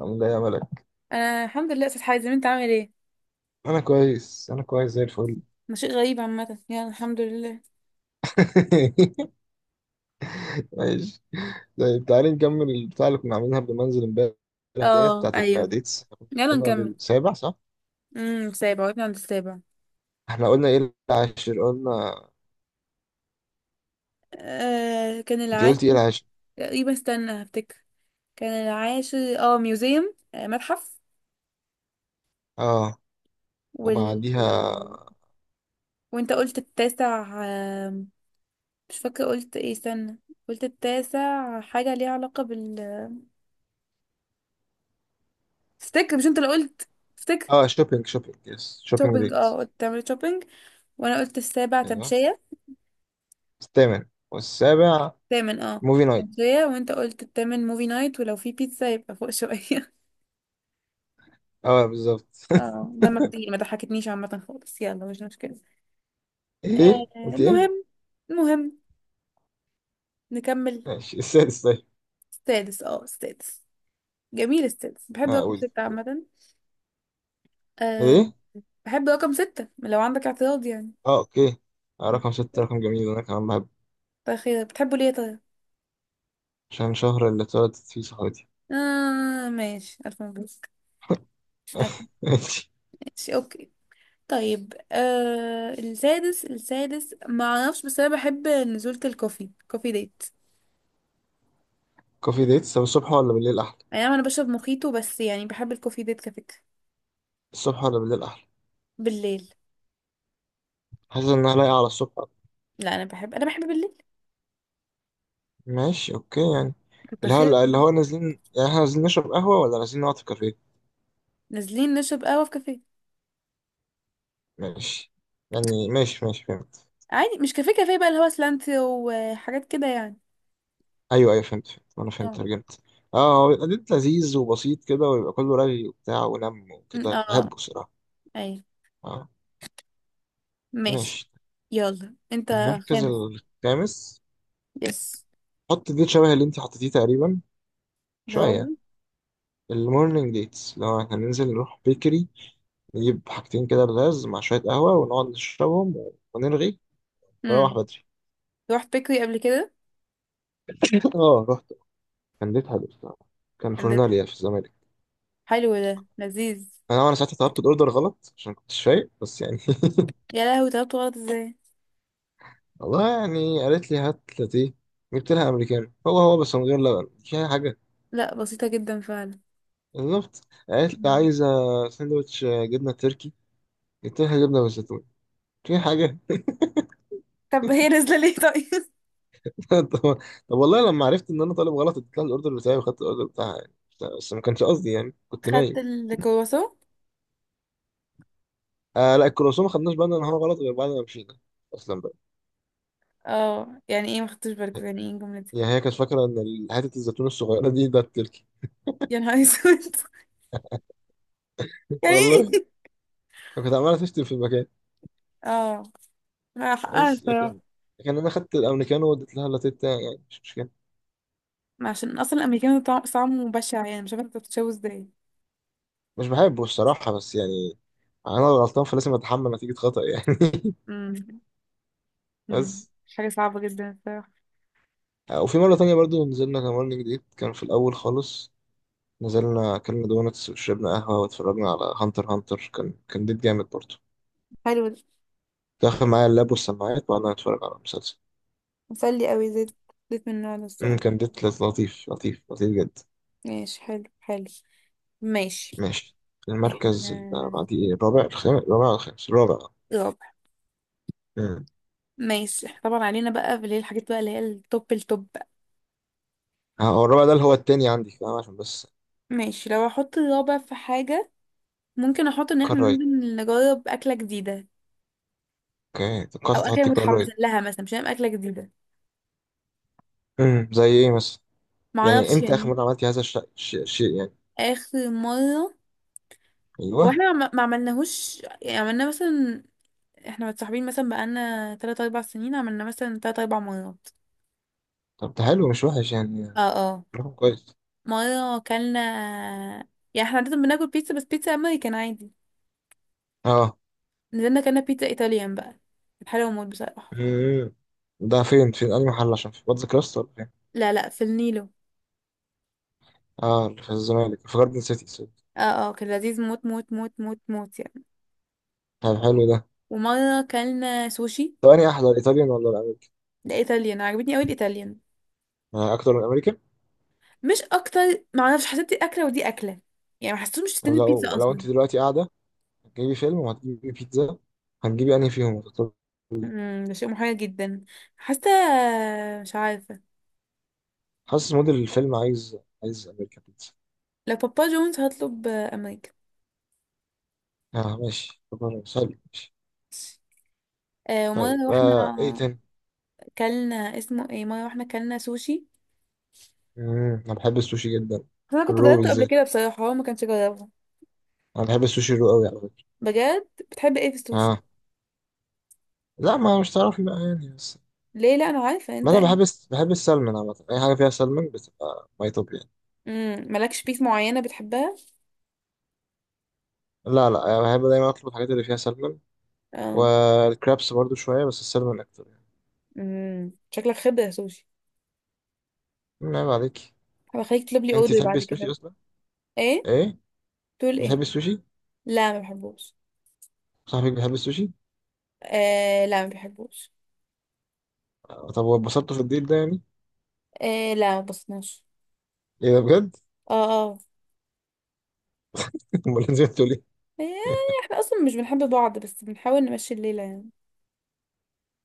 عامل ايه يا ملك؟ آه، الحمد لله يا استاذ حازم، انت عامل ايه؟ انا كويس، انا كويس زي الفل. ده شيء غريب عامه، يعني الحمد لله. ماشي. طيب، تعالي نكمل البتاع اللي كنا عاملينها قبل ما انزل امبارح. ديت اه، بتاعت ايوه. الديتس، إحنا كنا يلا وصلنا نكمل. للسابع، صح؟ سابع، وقفنا عند السابع. احنا قلنا ايه؟ العاشر، قلنا. آه، كان انت قلتي ايه؟ العاشر. العاشر. تقريبا، استنى هفتكر. كان العاشر، ميوزيوم، متحف. اه، وال وبعديها؟ وانت قلت التاسع، مش فاكره قلت ايه، استنى. قلت التاسع، حاجه ليها علاقه افتكر، مش انت اللي قلت؟ افتكر. اه، شوبينج، شوبينج، يس، شوبينج شوبينج، ديت. قلت تعمل شوبينج. وانا قلت السابع ايوه. تمشية. الثامن والسابع. تامن، اه. موفي نايت. تمشية، وانت قلت التامن موفي نايت، ولو في بيتزا يبقى فوق شوية. اه، بالظبط. اه، دمك تقيل، ما ضحكتنيش عامة خالص، يلا مش مشكلة. آه ايه؟ قلت ايه؟ المهم المهم نكمل. ماشي، السادس طيب. سادس. جميل، سادس. بحب اه، رقم قلت. ستة عامة. آه. ايه؟ بحب رقم ستة، لو عندك اعتراض يعني. اه، اوكي. آه، عندك رقم ستة اعتراض؟ رقم جميل، انا كمان. طيب، خير، بتحبه ليه طيب؟ عشان شهر اللي اتولدت فيه صحابتي. اه، ماشي، ألف مبروك. ألف. ماشي. ماشي، اوكي. طيب، السادس ما اعرفش، بس انا بحب نزولة كوفي ديت. كوفي ديتس، طب الصبح ولا بالليل أحلى؟ اي نعم، انا بشرب موخيتو، بس يعني بحب الكوفي ديت كفكرة. الصبح ولا بالليل أحلى؟ بالليل. حاسس إنها لايقة على الصبح. لا، انا بحب بالليل. ماشي، أوكي يعني. كنت اللي خايف. هو اللي هو نازلين يعني، إحنا نازلين نشرب قهوة ولا نازلين نقعد في كافيه؟ نازلين نشرب قهوة في كافيه. ماشي. يعني ماشي، ماشي، فهمت. عادي، مش كافيه كافيه بقى، اللي هو سلانتي وحاجات كده يعني. أيوه، أيوه، فهمت، فهمت، أنا فهمت، اه، ترجمت. أه، هو بيبقى ديت لذيذ وبسيط كده، ويبقى كله رغي وبتاع ونم وكده، اه. بحبه الصراحة. اي. أه. ماشي. ماشي. يلا انت. المركز خامس. الخامس. يس. حط ديت شبه اللي أنت حطيتيه تقريبا. اللي هو شوية. المورنينج ديتس، لو احنا ننزل نروح بيكري، نجيب حاجتين كده بلاز مع شوية قهوة ونقعد نشربهم، ونرغي، ونروح امم بدري. رحت بيكري قبل كده؟ اه، رحت. كان ديت حلو بصراحة. كان كان ده فورناليا في الزمالك. حلو، ده لذيذ. انا ساعتها طلبت الاوردر غلط عشان كنت شايف، بس يعني. يا لهوي، طلبت غلط ازاي؟ والله يعني، قالت لي هات لاتيه. جبت لها امريكانو، هو هو بس من غير لبن، مش اي حاجة. لا، بسيطة جدا فعلا. بالظبط. قالت لي آه. عايزة ساندوتش جبنة تركي، جبت لها جبنة بالزيتون. في حاجة. طب هي نازلة ليه طيب؟ طب طب والله، لما عرفت ان انا طالب غلط اديت لها الاوردر بتاعي وخدت الاوردر بتاعها يعني. بس ما كانش قصدي يعني، كنت خدت نايم. الكرواسون؟ آه لا، الكرواسون ما خدناش بالنا ان هو غلط غير بعد ما مشينا اصلا بقى. اه، يعني ايه ما خدتش بالك؟ يعني ايه الجملة دي؟ يعني هي كانت فاكره ان حته الزيتون الصغيره دي ده التركي. يا نهار اسود! يعني والله، ايه؟ كانت عماله تشتم في المكان. اه. لا، حقها بس الصراحة. لكن انا خدت الامريكانو واديت لها اللاتيه بتاعي يعني، مش مشكله. ما عشان اصلا الامريكان طعمه بشع، يعني مش عارفة انت بتتشوه ازاي. مش بحبه الصراحه، بس يعني انا الغلطان فلازم اتحمل نتيجه خطأ يعني. امم. أمم. بس حاجة صعبة جدا الصراحة. آه، وفي مره تانية برضو نزلنا، كمان جديد كان في الاول خالص. نزلنا، أكلنا دونتس وشربنا قهوة واتفرجنا على هانتر هانتر، كان ديت جامد برضه. حلو ده. كنت داخل معايا اللاب والسماعات، وقعدنا نتفرج على المسلسل. مسلي قوي زيت، زيت من النوع ده الصراحة. كان ديت لطيف، لطيف، لطيف جدا. ماشي، حلو حلو. ماشي. ماشي. احنا المركز اللي بعديه إيه؟ الرابع؟ الخامس؟ الرابع ولا الخامس؟ الرابع. رابع. أمم. ماشي، احنا طبعا علينا بقى اللي هي الحاجات بقى، اللي هي التوب التوب بقى. ها، هو الرابع ده اللي هو التاني عندي، فاهم؟ عشان بس. ماشي، لو احط الرابع في حاجة، ممكن احط ان احنا كرايت. ننزل نجرب اكلة جديدة. اوكي، توقعت او اكلة تحطي متحمسة كرايت. لها مثلا، مش هنعمل اكلة جديدة. زي ايه مثلا؟ يعني معرفش امتى اخر يعني. مرة عملتي هذا الشيء يعني؟ اخر مره. ايوه. واحنا ما عملناهوش، يعني عملنا مثلا. احنا متصاحبين مثلا بقالنا 3 4 سنين، عملنا مثلا 3 4 مرات. طب ده حلو، مش وحش يعني. اه، اه. رقم كويس. مره اكلنا. يعني احنا عاده بناكل بيتزا، بس بيتزا امريكان عادي. اه. نزلنا اكلنا بيتزا ايطاليان بقى. كانت حلوه موت بصراحه. مم. ده فين أي محل، عشان في باتزا كراست ولا فين؟ لا، لا، في النيلو. اه، اللي في الزمالك في جاردن سيتي، سوري. اه. اه، كان لذيذ، موت موت موت موت موت يعني. طب حلو ده. ومره اكلنا سوشي. طب أنهي أحلى، الإيطاليان ولا الأمريكان؟ ده ايطاليان، عجبتني قوي الايطاليان. آه، أكتر من الأمريكان؟ مش اكتر. معرفش، حسيت دي اكله ودي اكله. يعني ما حسيتهمش طب الاتنين بيتزا لو اصلا. أنت دلوقتي قاعدة، هتجيبي فيلم وهتجيبي بيتزا، هتجيبي أنهي فيهم؟ هتختاري إيه؟ ده شيء محير جدا. حاسه. مش عارفه. حاسس موديل الفيلم عايز أمريكان بيتزا. لو بابا جونز هطلب، آه، امريكا. اه ماشي، طب سهل، ماشي. آه، ومره طيب، رحنا. إيه تاني؟ كلنا اسمه ايه، مره رحنا كلنا سوشي. مم. أنا بحب السوشي جدا. بس انا كنت الرو جربته قبل بالذات. كده بصراحه، هو ما كانش جربه. أنا بحب السوشي الرو أوي، على فكرة. بجد، بتحب ايه في السوشي؟ اه لا، ما مش تعرفي بقى يعني، بس ليه؟ لا، انا عارفه ما انت. انا بحب بحب السلمون عامة، اي حاجة فيها سلمون بتبقى ماي توب يعني. مالكش بيس معينه بتحبها؟ لا، لا، يعني بحب دايما اطلب الحاجات اللي فيها سلمون. اه. والكرابس برضو شوية، بس السلمون اكتر يعني. شكلك خبره سوشي. مم، عيب عليك. هبخليك تطلب لي انت اوردر تحبي بعد كده السوشي بقى. اصلا؟ ايه؟ ايه؟ تقول ايه؟ بتحبي السوشي؟ لا، ما بحبوش. صاحبك بيحب السوشي؟ آه، لا، ما بحبوش. آه، طب واتبسطتوا في الديل ده يعني؟ آه، لا، ما بصناش. ايه ده بجد؟ اه، اه. امال نزلتوا ليه؟ يعني احنا اصلا مش بنحب بعض، بس بنحاول نمشي الليله يعني.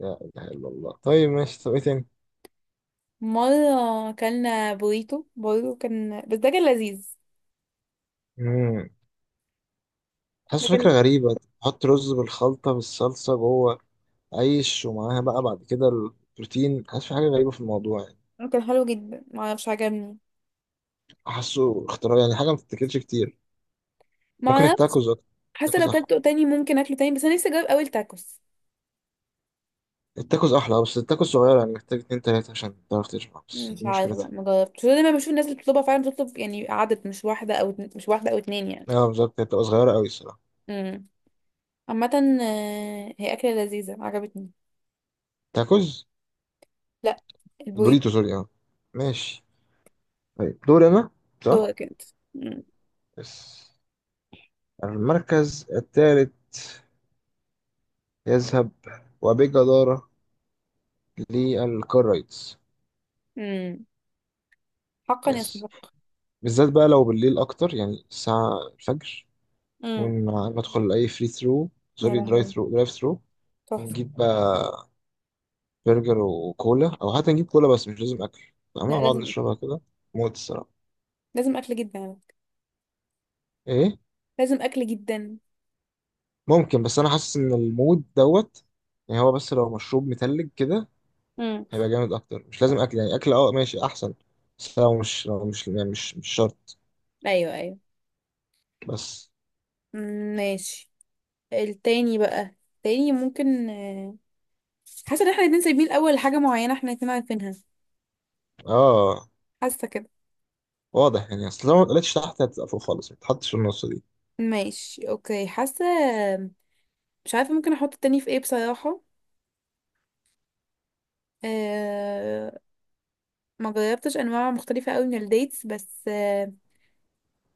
لا اله الا الله، طيب ماشي، طب ايه تاني؟ مره اكلنا بوريتو برضه، كان بس ده كان لذيذ. امم ده حاسس فكرة كان غريبة. تحط رز بالخلطة، بالصلصة جوه، عيش، ومعاها بقى بعد كده البروتين، حاسس في حاجة غريبة في الموضوع يعني. كان حلو جدا، ما اعرفش عجبني. حاسه اختراع يعني، حاجه ما بتتاكلش كتير. ما ممكن اعرفش. التاكوز اكتر. حاسه التاكوز لو احلى. كلته تاني ممكن اكله تاني، بس انا نفسي اجرب اول تاكوس. التاكوز احلى، آه، بس التاكوز صغيره يعني، محتاج اتنين تلاته عشان تعرف تشبع، بس دي مش عارفه بقى، مشكلتها. ما جربتش، دايما بشوف الناس اللي بتطلبها فعلا بتطلب يعني عدد، مش واحده او مش واحده او اتنين يعني. اه بالظبط، هي بتبقى صغيره قوي الصراحه. امم. عامه. آه، هي اكله لذيذه عجبتني. تاكوز. لا. البوريتو. البوريتو، سوري، اه. ماشي. طيب، دور انا، صح. دورك انت. امم. بس، المركز الثالث يذهب، وبجدارة، للكرايتس. أمم. حقا يس. يستحق. بالذات بقى لو بالليل أكتر، يعني الساعة الفجر، امم. ونحاول ندخل أي فري ثرو، يا سوري، درايف لهوي. ثرو، درايف ثرو. تحفة. ونجيب بقى برجر وكولا، او حتى نجيب كولا بس مش لازم اكل، فاهمة؟ لا، نقعد لازم أكل. نشربها كده. موت الصراحة. لازم أكل جدا على فكرة. ايه؟ لازم أكل جدا. ممكن، بس انا حاسس ان المود دوت. يعني هو، بس لو مشروب متلج كده امم. هيبقى جامد اكتر، مش لازم اكل، يعني اكل اه ماشي احسن. بس لو مش يعني مش شرط. أيوه، أيوه. بس. مم، ماشي. التاني بقى، التاني ممكن، حاسة إن احنا الاتنين سايبين الأول حاجة معينة، احنا الاتنين عارفينها. اه، حاسة كده. واضح يعني، اصل لو ما اتقلتش تحت هتبقى فوق خالص، ما تتحطش في النص دي. ماشي، أوكي، حاسة. مش عارفة ممكن أحط التاني في ايه بصراحة. أه... ما جربتش أنواع مختلفة أوي من الديتس، بس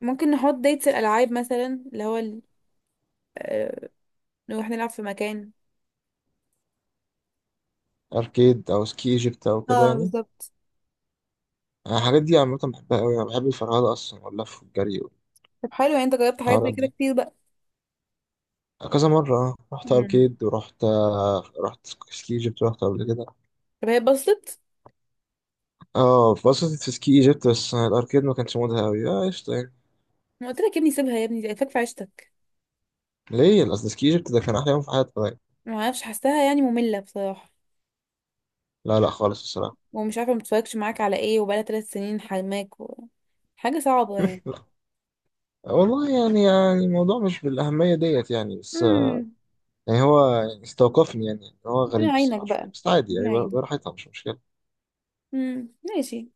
ممكن نحط ديتس الألعاب مثلا، اللي هو أه... نروح نلعب في مكان. اركيد او سكي ايجيبت او كده اه، يعني؟ بالظبط. أنا الحاجات دي عامة بحبها قوي، انا بحب الفرهدة اصلا واللف والجري طب، حلو، يعني انت جربت حاجات زي والحوارات كده دي. كتير بقى. كذا مرة، اه رحت مم. أركيد، ورحت آه، رحت سكي ايجيبت، رحت قبل كده. طب هي اتبسطت؟ اه اتبسطت في سكي ايجيبت، بس الأركيد ما كانش مودها أوي، اه قشطة يعني. ما قلت لك يا ابني، سيبها يا ابني، دي فاك في عيشتك. ليه؟ أصل سكي ايجيبت ده كان أحلى يوم في حياتي يعني. ما اعرفش، حاساها يعني ممله بصراحه. لا، لا، خالص الصراحة. ومش عارفه متفرجش معاك على ايه، وبقالها 3 سنين حرماك و... حاجه صعبه يعني. لا، والله يعني الموضوع مش بالأهمية ديت يعني، بس آه، امم يعني هو يعني استوقفني يعني، هو ربنا غريب يعينك الصراحة شوية، بقى. بس عادي يعني، ربنا يعينك. براحتها مش مشكلة. ماشي.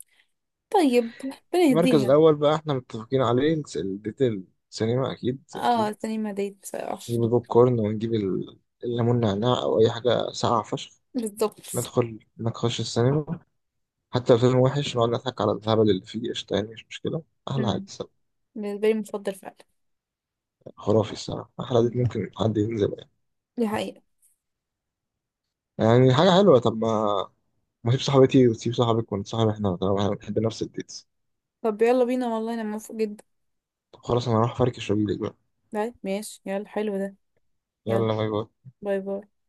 طيب، ربنا المركز يهديها. الأول بقى احنا متفقين عليه، الديتيل، سينما، أكيد، أكيد. اه، سليم هديت بصراحه. نجيب البوب كورن ونجيب الليمون نعناع أو أي حاجة ساقعة فشخ. بالظبط. ندخل نخش السينما، حتى لو فيلم وحش نقعد نضحك على الهبل اللي فيه، قشطة يعني، مش مشكلة. أحلى عادي امم الصراحة. بالنسبه لي مفضل فعلا. خرافي الصراحة، أحلى عادي، مم. ممكن حد ينزل يعني. دي حقيقه. يعني حاجة حلوة، طب ما تسيب صاحبتي وتسيب صاحبك ونتصاحب احنا، طالما احنا بنحب نفس الديتس. طب، يلا بينا، والله انا موافقه جدا. طب خلاص، أنا هروح أفركش وأجيلك بقى. طيب، ماشي، يلا حلو ده. يلا. يلا، باي باي. باي باي.